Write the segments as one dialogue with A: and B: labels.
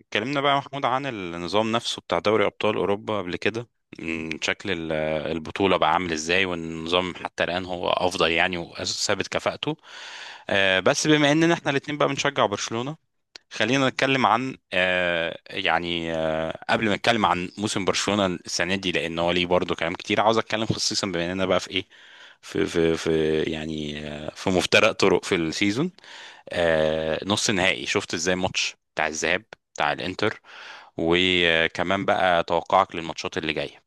A: اتكلمنا بقى يا محمود عن النظام نفسه بتاع دوري أبطال أوروبا قبل كده. شكل البطولة بقى عامل ازاي والنظام حتى الآن هو أفضل يعني وثابت كفاءته. بس بما إننا احنا الاتنين بقى بنشجع برشلونة. خلينا نتكلم عن قبل ما نتكلم عن موسم برشلونة السنة دي، لأن هو ليه برضه كلام كتير عاوز أتكلم خصيصا بما إننا بقى في إيه، في يعني في مفترق طرق في السيزون. نص نهائي، شفت ازاي الماتش بتاع الذهاب بتاع الانتر؟ وكمان بقى توقعك للماتشات اللي جاية.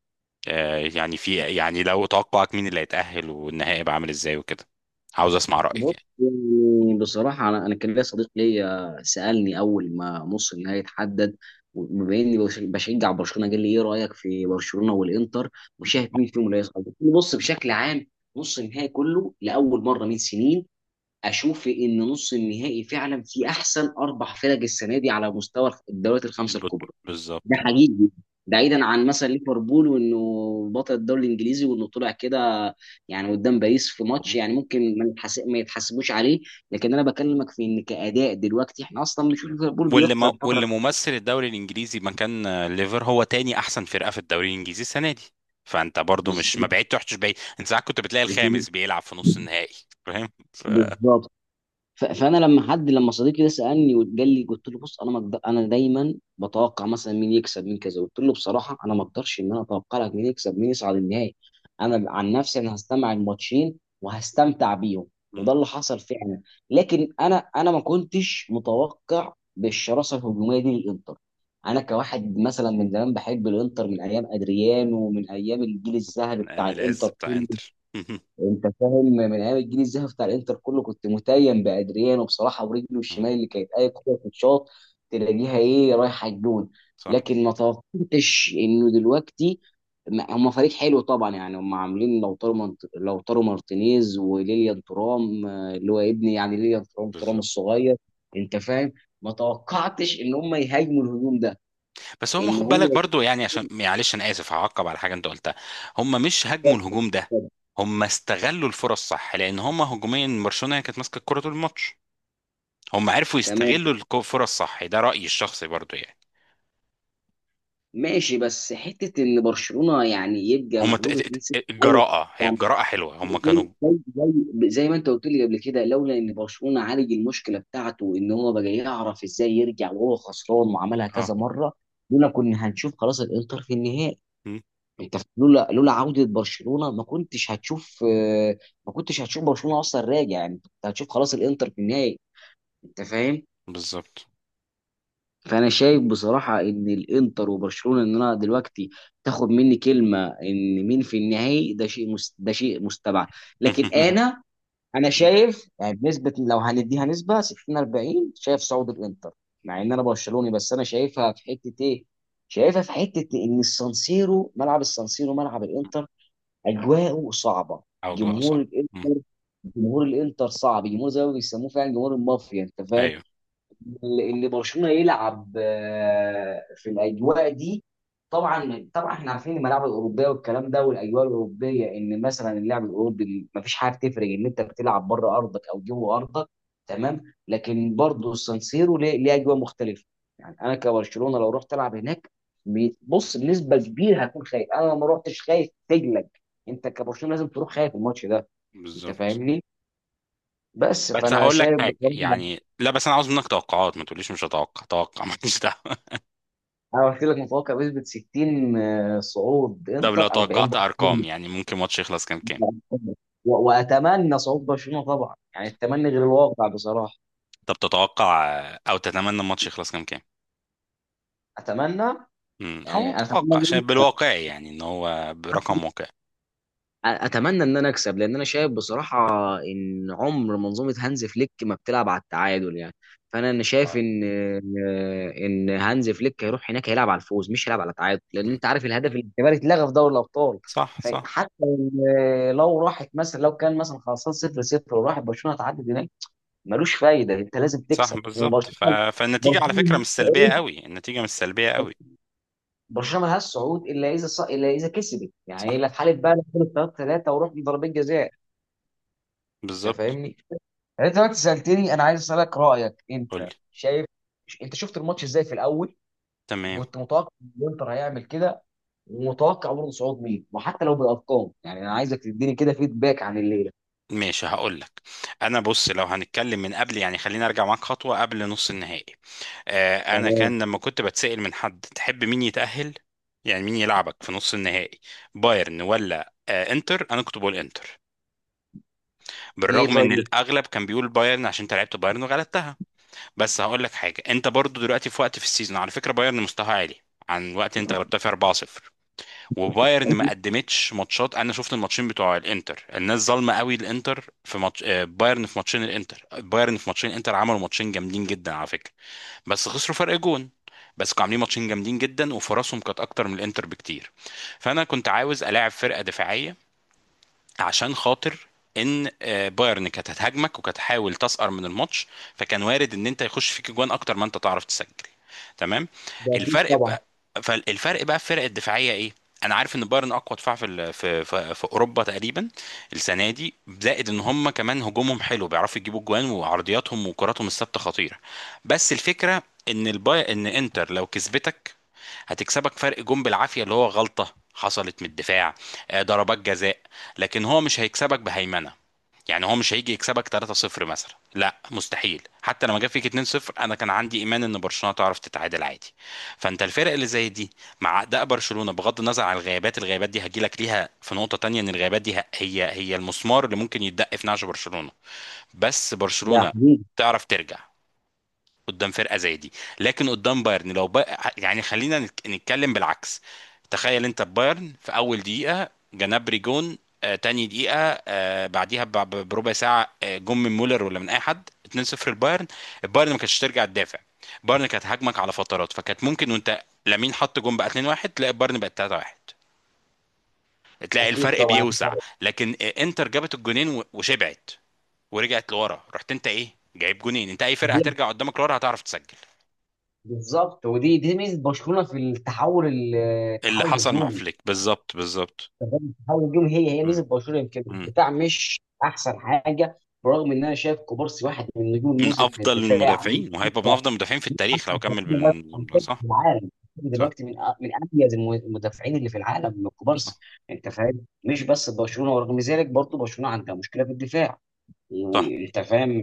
A: يعني في يعني لو توقعك مين اللي هيتأهل والنهائي بقى عامل ازاي وكده. عاوز اسمع رأيك
B: بص
A: يعني.
B: يعني بصراحة أنا كان ليا صديق ليا سألني أول ما نص النهائي اتحدد، وبما إني بشجع برشلونة قال لي إيه رأيك في برشلونة والإنتر وشايف مين فيهم اللي هيصعد؟ قلت له بص، بشكل عام نص النهائي كله لأول مرة من سنين أشوف إن نص النهائي فعلا فيه أحسن أربع فرق السنة دي على مستوى الدوريات الخمسة الكبرى. ده
A: بالظبط.
B: حقيقي. بعيدا عن مثلا ليفربول وانه بطل الدوري الانجليزي وانه طلع كده يعني قدام باريس في ماتش يعني ممكن ما يتحسبوش عليه. لكن انا بكلمك في ان كاداء دلوقتي احنا اصلا بنشوف
A: بالظبط.
B: ليفربول بيخسر
A: واللي
B: الفتره.
A: ممثل الدوري الانجليزي مكان هو تاني احسن فرقة في الدوري الانجليزي السنة دي. فانت برضو مش ما
B: بالظبط،
A: بعيد تحتش بعيد، انت ساعات كنت بتلاقي الخامس بيلعب في نص النهائي. فاهم
B: بالظبط. فانا لما حد، لما صديقي ده سالني وقال لي قلت له بص، انا ما أقدر- انا دايما بتوقع مثلا مين يكسب مين كذا، قلت له بصراحه انا ما اقدرش ان انا اتوقع لك مين يكسب، مين يصعد النهائي. انا عن نفسي انا هستمع الماتشين وهستمتع بيهم، وده اللي حصل فعلا. لكن انا ما كنتش متوقع بالشراسه الهجوميه دي للانتر. انا كواحد مثلا من زمان بحب الانتر، من ايام ادريانو ومن ايام الجيل الذهبي
A: من ايام
B: بتاع
A: العز
B: الانتر.
A: بتاع انتر
B: انت فاهم، من ايام الجيل الذهبي بتاع الانتر كله كنت متيم بادريان، وبصراحه ورجله
A: آه،
B: الشمال اللي كانت اي كره تتشاط تلاقيها ايه رايحه الجون.
A: صح.
B: لكن ما توقعتش انه دلوقتي، هم فريق حلو طبعا يعني، هم عاملين لوتارو مارتينيز وليليان ترام، اللي هو ابني يعني، ليليان ترام، ترام
A: بالظبط.
B: الصغير. انت فاهم، ما توقعتش ان هم يهاجموا الهجوم ده.
A: بس هم
B: ان
A: خد
B: هو
A: بالك برضو يعني عشان
B: يكون-
A: معلش انا اسف، هعقب على حاجه انت قلتها. هم مش هاجموا الهجوم ده، هم استغلوا الفرص صح، لان هم هجوميا برشلونه هي كانت ماسكه الكره طول الماتش. هم عرفوا
B: تمام،
A: يستغلوا الفرص صح، ده رايي الشخصي برضو يعني.
B: ماشي، بس حته ان برشلونه يعني يبقى
A: هم ت-
B: مغلوب
A: ت-
B: 2-0.
A: ت-
B: أول-
A: الجراءه، هي
B: يعني
A: الجراءه حلوه، هم كانوا.
B: زي زي زي ما انت قلت لي قبل كده، لولا ان برشلونه عالج المشكله بتاعته ان هو بقى يعرف ازاي يرجع وهو خسران وعملها
A: اه.
B: كذا مره، لولا كنا هنشوف خلاص الانتر في النهائي.
A: م،
B: انت لولا عوده برشلونه، ما كنتش هتشوف، ما كنتش هتشوف برشلونه اصلا راجع يعني، انت هتشوف خلاص الانتر في النهائي. انت فاهم.
A: بالظبط.
B: فانا شايف بصراحه ان الانتر وبرشلونه، ان انا دلوقتي تاخد مني كلمه ان مين في النهائي، ده ده شيء مستبعد. لكن انا، انا شايف يعني بنسبه، لو هنديها نسبه 60 40، شايف صعود الانتر مع ان انا برشلوني. بس انا شايفها في حته ايه؟ شايفها في حته ان السانسيرو، ملعب السانسيرو ملعب الانتر، اجواءه صعبه،
A: او جراءه صح.
B: جمهور
A: م،
B: الانتر، جمهور الانتر صعب، جمهور زي ما بيسموه فعلا جمهور المافيا. انت فاهم؟
A: ايوه
B: اللي برشلونه يلعب في الاجواء دي. طبعا طبعا احنا عارفين الملاعب الاوروبيه والكلام ده والاجواء الاوروبيه ان مثلا اللعب الاوروبي مفيش حاجه تفرق ان انت بتلعب بره ارضك او جوه ارضك، تمام. لكن برضه السانسيرو ليه ليه اجواء مختلفه. يعني انا كبرشلونه لو رحت العب هناك، بص بنسبه كبيره هكون خايف. انا لو ما رحتش خايف تجلك، انت كبرشلونه لازم تروح خايف الماتش ده. انت
A: بالظبط.
B: فاهمني؟ بس
A: بس
B: فانا
A: هقول لك
B: شايف
A: حاجه،
B: بصراحه،
A: يعني لا بس انا عاوز منك توقعات، ما تقوليش مش هتوقع، توقع، ماليش دعوه.
B: انا قلت لك متوقع بنسبه 60، صعود
A: طب لو
B: انتر، 40
A: توقعت ارقام
B: برشلونه.
A: يعني، ممكن ماتش يخلص كام كام؟
B: واتمنى صعود برشلونه طبعا، يعني التمني غير الواقع بصراحه.
A: طب تتوقع او تتمنى الماتش يخلص كام كام؟
B: اتمنى.
A: او
B: يعني انا
A: توقع عشان
B: اتمنى،
A: بالواقعي يعني ان هو برقم واقعي.
B: اتمنى ان انا اكسب لان انا شايف بصراحه ان عمر منظومه هانز فليك ما بتلعب على التعادل يعني. فانا شايف
A: آه.
B: ان هانز فليك هيروح هناك هيلعب على الفوز مش هيلعب على التعادل، لان
A: مم.
B: انت عارف الهدف الاجتماعي اتلغى في دوري الابطال.
A: صح صح.
B: فحتى لو راحت مثلا، لو كان مثلا خلصان 0 0 وراحت برشلونه تعدي هناك، ملوش فايده. انت لازم
A: صح
B: تكسب
A: بالظبط
B: وبرشلونه.
A: فالنتيجه على فكره
B: برشلونه
A: مش سلبيه قوي، النتيجه مش سلبيه قوي.
B: برشلونه ملهاش صعود الا اذا، كسبت يعني،
A: صح.
B: الا في حاله بقى 3 3 وروح لضربات جزاء. انت
A: بالظبط.
B: فاهمني؟ يعني انت دلوقتي سالتني، انا عايز اسالك رايك.
A: قول لي.
B: انت شايف، انت شفت الماتش ازاي في الاول؟
A: تمام.
B: وكنت متوقع ان الانتر هيعمل كده؟ ومتوقع برضه صعود مين؟ وحتى لو بالارقام، يعني انا عايزك تديني كده فيدباك عن الليله.
A: ماشي هقول لك. انا بص لو هنتكلم من قبل يعني، خلينا ارجع معاك خطوه قبل نص النهائي. انا
B: تمام.
A: كان لما كنت بتسأل من حد تحب مين يتأهل، يعني مين يلعبك في نص النهائي، بايرن ولا انتر، انا كنت بقول انتر،
B: ليه
A: بالرغم ان
B: طيب؟
A: الاغلب كان بيقول بايرن عشان انت لعبت بايرن وغلبتها. بس هقول لك حاجه، انت برضو دلوقتي في وقت في السيزون على فكره بايرن مستواها عالي عن وقت انت غلبتها في 4-0. وبايرن ما قدمتش ماتشات، انا شفت الماتشين بتوع الانتر، الناس ظالمه قوي الانتر في ماتش بايرن، في ماتشين الانتر بايرن، في ماتشين الانتر عملوا ماتشين جامدين جدا على فكره. بس خسروا فرق جون. بس كانوا عاملين ماتشين جامدين جدا وفرصهم كانت اكتر من الانتر بكتير. فانا كنت عاوز الاعب فرقه دفاعيه عشان خاطر ان بايرن كانت هتهاجمك وكانت هتحاول تسقر من الماتش، فكان وارد ان انت يخش فيك جوان اكتر ما انت تعرف تسجل. تمام.
B: ده اكيد
A: الفرق
B: طبعا.
A: بقى فالفرق بقى في الفرق الدفاعيه ايه. انا عارف ان بايرن اقوى دفاع في ال- في في, في اوروبا تقريبا السنه دي. زائد ان هم كمان هجومهم حلو، بيعرفوا يجيبوا جوان، وعرضياتهم وكراتهم الثابته خطيره. بس الفكره ان الباي ان انتر لو كسبتك هتكسبك فرق جون بالعافيه، اللي هو غلطه حصلت من الدفاع، ضربات جزاء. لكن هو مش هيكسبك بهيمنه، يعني هو مش هيجي يكسبك 3-0 مثلا، لا مستحيل. حتى لما جاب فيك 2-0 انا كان عندي ايمان ان برشلونه تعرف تتعادل عادي. فانت الفرق اللي زي دي مع اداء برشلونه، بغض النظر عن الغيابات، الغيابات دي هجيلك ليها في نقطه تانية، ان الغيابات دي هي المسمار اللي ممكن يتدق في نعش برشلونه. بس
B: ده
A: برشلونه
B: حبيبي،
A: تعرف ترجع قدام فرقه زي دي. لكن قدام بايرن يعني خلينا نتكلم بالعكس. تخيل انت بايرن في اول دقيقه جنابري جون، آه تاني دقيقه، آه بعديها بربع ساعه، آه جون من مولر ولا من اي حد 2-0 البايرن ما كانتش ترجع تدافع، بايرن كانت هاجمك على فترات، فكانت ممكن وانت لامين حط جون بقى 2-1 تلاقي بايرن بقت 3-1، تلاقي
B: اكيد
A: الفرق
B: طبعا.
A: بيوسع. لكن انتر جابت الجونين وشبعت ورجعت لورا، رحت انت ايه جايب جونين، انت اي فرقه
B: دي-
A: هترجع قدامك لورا هتعرف تسجل.
B: بالظبط. ودي دي ميزه برشلونه في التحول
A: اللي
B: التحول
A: حصل مع
B: الهجومي.
A: فليك. بالظبط. بالظبط.
B: تمام. حاول الجون هي ميزه
A: مم.
B: برشلونه. يمكن
A: مم.
B: الدفاع مش احسن حاجه، برغم ان انا شايف كوبارسي واحد من نجوم
A: من
B: الموسم في
A: افضل
B: الدفاع. ممكن
A: المدافعين، وهيبقى من
B: يبقى
A: افضل المدافعين في التاريخ
B: أحسن.
A: لو كمل
B: تسليم، بس على
A: بالنظام ده.
B: فكرة
A: صح.
B: في العالم
A: صح.
B: دلوقتي، من اميز المدافعين اللي في العالم من
A: صح.
B: كوبارسي. انت فاهم؟ مش بس برشلونه، ورغم ذلك برضه برشلونه عندها مشكله في الدفاع.
A: صح.
B: وانت فاهم،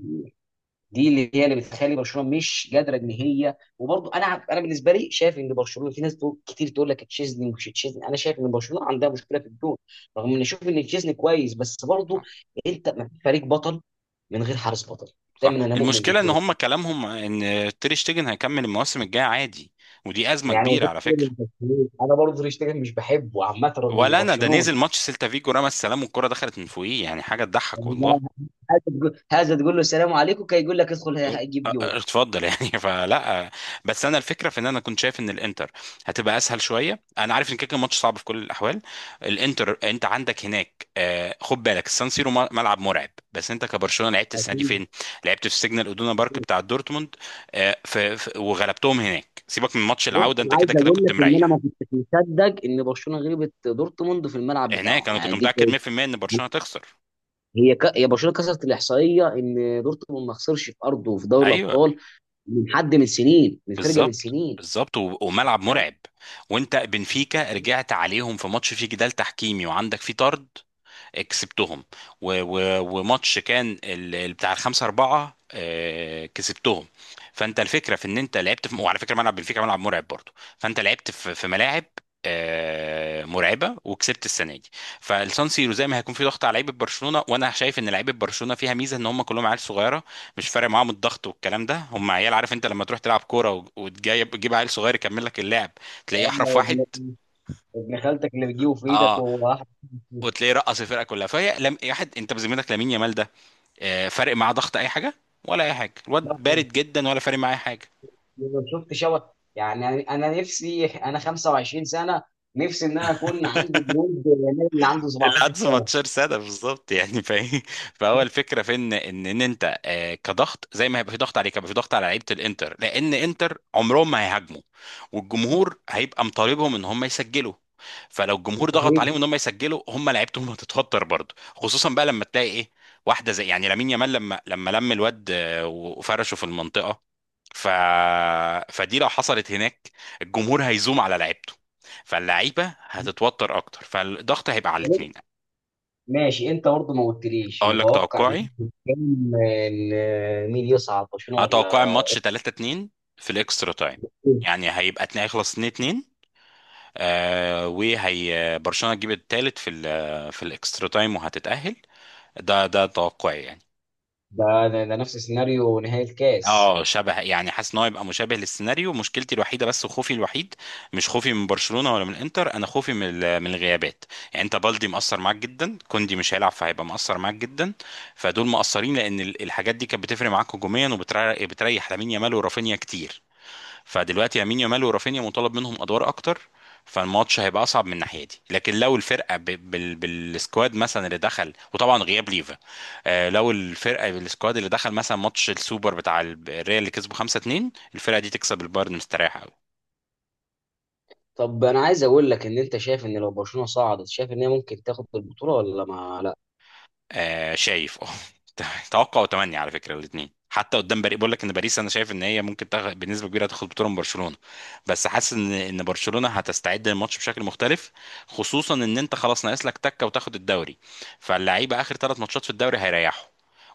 B: دي اللي هي اللي بتخلي برشلونه مش قادره ان هي، وبرضه انا، انا بالنسبه لي شايف ان برشلونه، في ناس تقول كتير تقول لك تشيزني مش تشيزني، انا شايف ان برشلونه عندها مشكله في الجون، رغم ان اشوف ان تشيزني كويس. بس برضه
A: صح.
B: انت، ما فيش فريق بطل من غير حارس بطل.
A: صح.
B: دايما انا مؤمن
A: المشكله ان
B: بالجون.
A: هم كلامهم ان تير شتيجن هيكمل المواسم الجايه عادي، ودي ازمه
B: يعني
A: كبيره
B: وشفت
A: على
B: كده من
A: فكره.
B: برشلونة. انا برضه تشتغل مش بحبه عامه رغم ان
A: ولا انا ده
B: برشلونه.
A: نزل ماتش سيلتا فيجو، رمى السلام والكره دخلت من فوقيه، يعني حاجه تضحك
B: يعني
A: والله.
B: هذا تقول، هذا تقول له السلام عليكم كي يقول لك ادخل،
A: يقول
B: هجيب جول.
A: اتفضل يعني فلا. بس انا الفكره في ان انا كنت شايف ان الانتر هتبقى اسهل شويه. انا عارف ان كده كده الماتش صعب في كل الاحوال. الانتر انت عندك هناك خد بالك السان سيرو ملعب مرعب. بس انت كبرشلونه لعبت السنه دي
B: أكيد.
A: فين؟ لعبت في سيجنال ادونا بارك بتاع دورتموند. وغلبتهم هناك، سيبك من ماتش
B: بص
A: العوده، انت
B: انا
A: كده
B: عايز
A: كده
B: اقول
A: كنت
B: لك ان انا ما
A: مريح.
B: كنتش مصدق ان برشلونه غلبت دورتموند في الملعب
A: هناك
B: بتاعهم،
A: انا كنت
B: يعني دي
A: متاكد
B: كانت.
A: 100% ان برشلونه تخسر.
B: هي برشلونه كسرت الاحصائيه ان دورتموند ما خسرش في ارضه في دوري
A: ايوه
B: الابطال من حد، من سنين، من فرقه من
A: بالظبط.
B: سنين.
A: بالظبط. وملعب مرعب. وانت بنفيكا رجعت عليهم في ماتش فيه جدال تحكيمي وعندك فيه طرد، كسبتهم. وماتش كان بتاع الخمسة أربعة، كسبتهم. فأنت الفكرة في إن أنت وعلى فكرة ملعب بنفيكا ملعب مرعب برضه. فأنت لعبت في ملاعب مرعبة وكسبت السنة دي. فالسان سيرو زي ما هيكون في ضغط على لعيبة برشلونة، وأنا شايف إن لعيبة برشلونة فيها ميزة، إن هم كلهم عيال صغيرة، مش فارق معاهم الضغط والكلام ده، هم عيال. عارف أنت لما تروح تلعب كورة وتجيب عيل صغير يكمل لك اللعب، تلاقيه أحرف
B: أما
A: واحد.
B: ابن، ابن خالتك اللي بتجيبه في ايدك
A: اه.
B: وهو واحد.
A: وتلاقيه رقص الفرقه كلها فهي لم... واحد. انت بذمتك لامين يامال ده فارق معاه ضغط اي حاجه ولا اي حاجه؟ الواد
B: لا،
A: بارد جدا، ولا فارق معاه أي حاجه.
B: أنا شفت شبه. يعني انا، أنا نفسي، انا 25 سنه، نفسي ان انا اكون عندي جنود النادي اللي عنده 17
A: العدس ماتشر سادة بالظبط يعني فاهم. فهو الفكره في ان انت كضغط، زي ما هيبقى في ضغط عليك هيبقى في ضغط على لعيبه الانتر، لان انتر عمرهم ما هيهاجموا. والجمهور هيبقى مطالبهم ان هم يسجلوا. فلو الجمهور ضغط عليهم ان هم يسجلوا، هم لعيبتهم هتتوتر برضه، خصوصا بقى لما تلاقي ايه، واحده زي يعني لامين يامال، لما لما لم الواد وفرشه في المنطقه. ف... فدي لو حصلت هناك، الجمهور هيزوم على لعيبته، فاللعيبه هتتوتر اكتر، فالضغط هيبقى على
B: سنه.
A: الاثنين.
B: ماشي. انت برضه ما قلتليش
A: اقول لك
B: متوقع
A: توقعي،
B: بنسبة كام ان مين يصعد، برشلونه
A: انا توقعي
B: ولا؟
A: الماتش 3-2 في الاكسترا تايم.
B: إيه؟
A: يعني هيخلص 2-2، آه، وهي برشلونه تجيب الثالث في في الاكسترا تايم وهتتاهل. ده توقعي يعني.
B: ده نفس سيناريو نهائي الكاس.
A: اه شبه، يعني حاسس ان هو يبقى مشابه للسيناريو. مشكلتي الوحيده بس وخوفي الوحيد، مش خوفي من برشلونه ولا من الانتر، انا خوفي من من الغيابات. يعني انت بالدي مأثر معاك جدا، كوندي مش هيلعب فهيبقى مأثر معاك جدا، فدول مأثرين لان الحاجات دي كانت بتفرق معاك هجوميا وبتريح لامين يامال ورافينيا كتير. فدلوقتي يمين يامال ورافينيا مطالب منهم ادوار اكتر. فالماتش هيبقى اصعب من الناحيه دي. لكن لو الفرقه بالسكواد مثلا اللي دخل، وطبعا غياب ليفا، آه لو الفرقه بالسكواد اللي دخل مثلا ماتش السوبر بتاع الريال اللي كسبه 5-2، الفرقه دي تكسب البايرن مستريحه.
B: طب انا عايز اقول لك، ان انت شايف ان لو برشلونه صعدت، شايف ان هي ممكن تاخد البطوله ولا ما؟
A: آه شايف اه. توقع وتمني على فكره الاثنين. حتى قدام باريس بقول لك ان باريس انا شايف ان هي ممكن بنسبه كبيره هتاخد بطوله من برشلونه. بس حاسس ان برشلونه هتستعد للماتش بشكل مختلف، خصوصا ان انت خلاص ناقص لك تكه وتاخد الدوري. فاللعيبه اخر ثلاث ماتشات في الدوري هيريحوا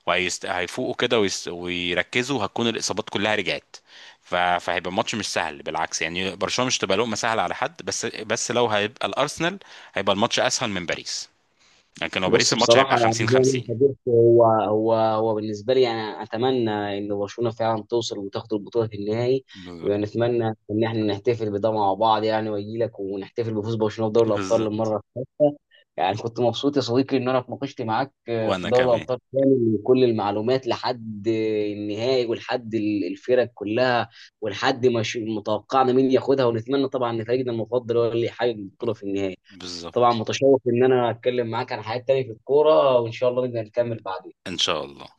A: هيفوقوا كده ويركزوا، وهتكون الاصابات كلها رجعت. فهيبقى الماتش مش سهل بالعكس، يعني برشلونه مش تبقى لقمه سهله على حد. بس لو هيبقى الارسنال هيبقى الماتش اسهل من باريس. لكن لو باريس
B: بص
A: الماتش هيبقى
B: بصراحة، يعني
A: 50
B: زي ما
A: 50
B: انت قلت، هو هو بالنسبة لي يعني أتمنى إن برشلونة فعلا توصل وتاخد البطولة في النهائي،
A: بالظبط.
B: ونتمنى إن إحنا نحتفل بده مع بعض. يعني وأجي لك ونحتفل بفوز برشلونة بدوري الأبطال
A: بالظبط.
B: للمرة الثالثة. يعني كنت مبسوط يا صديقي إن أنا اتناقشت معاك في
A: وانا
B: دوري
A: كمان.
B: الأبطال كامل وكل المعلومات لحد النهائي ولحد الفرق كلها ولحد ما ش- متوقعنا مين ياخدها، ونتمنى طبعا إن فريقنا المفضل هو اللي يحقق البطولة في النهائي. طبعا
A: بالظبط
B: متشوق ان انا اتكلم معاك عن حاجات تانية في الكوره، وان شاء الله نقدر نكمل بعدين.
A: ان شاء الله.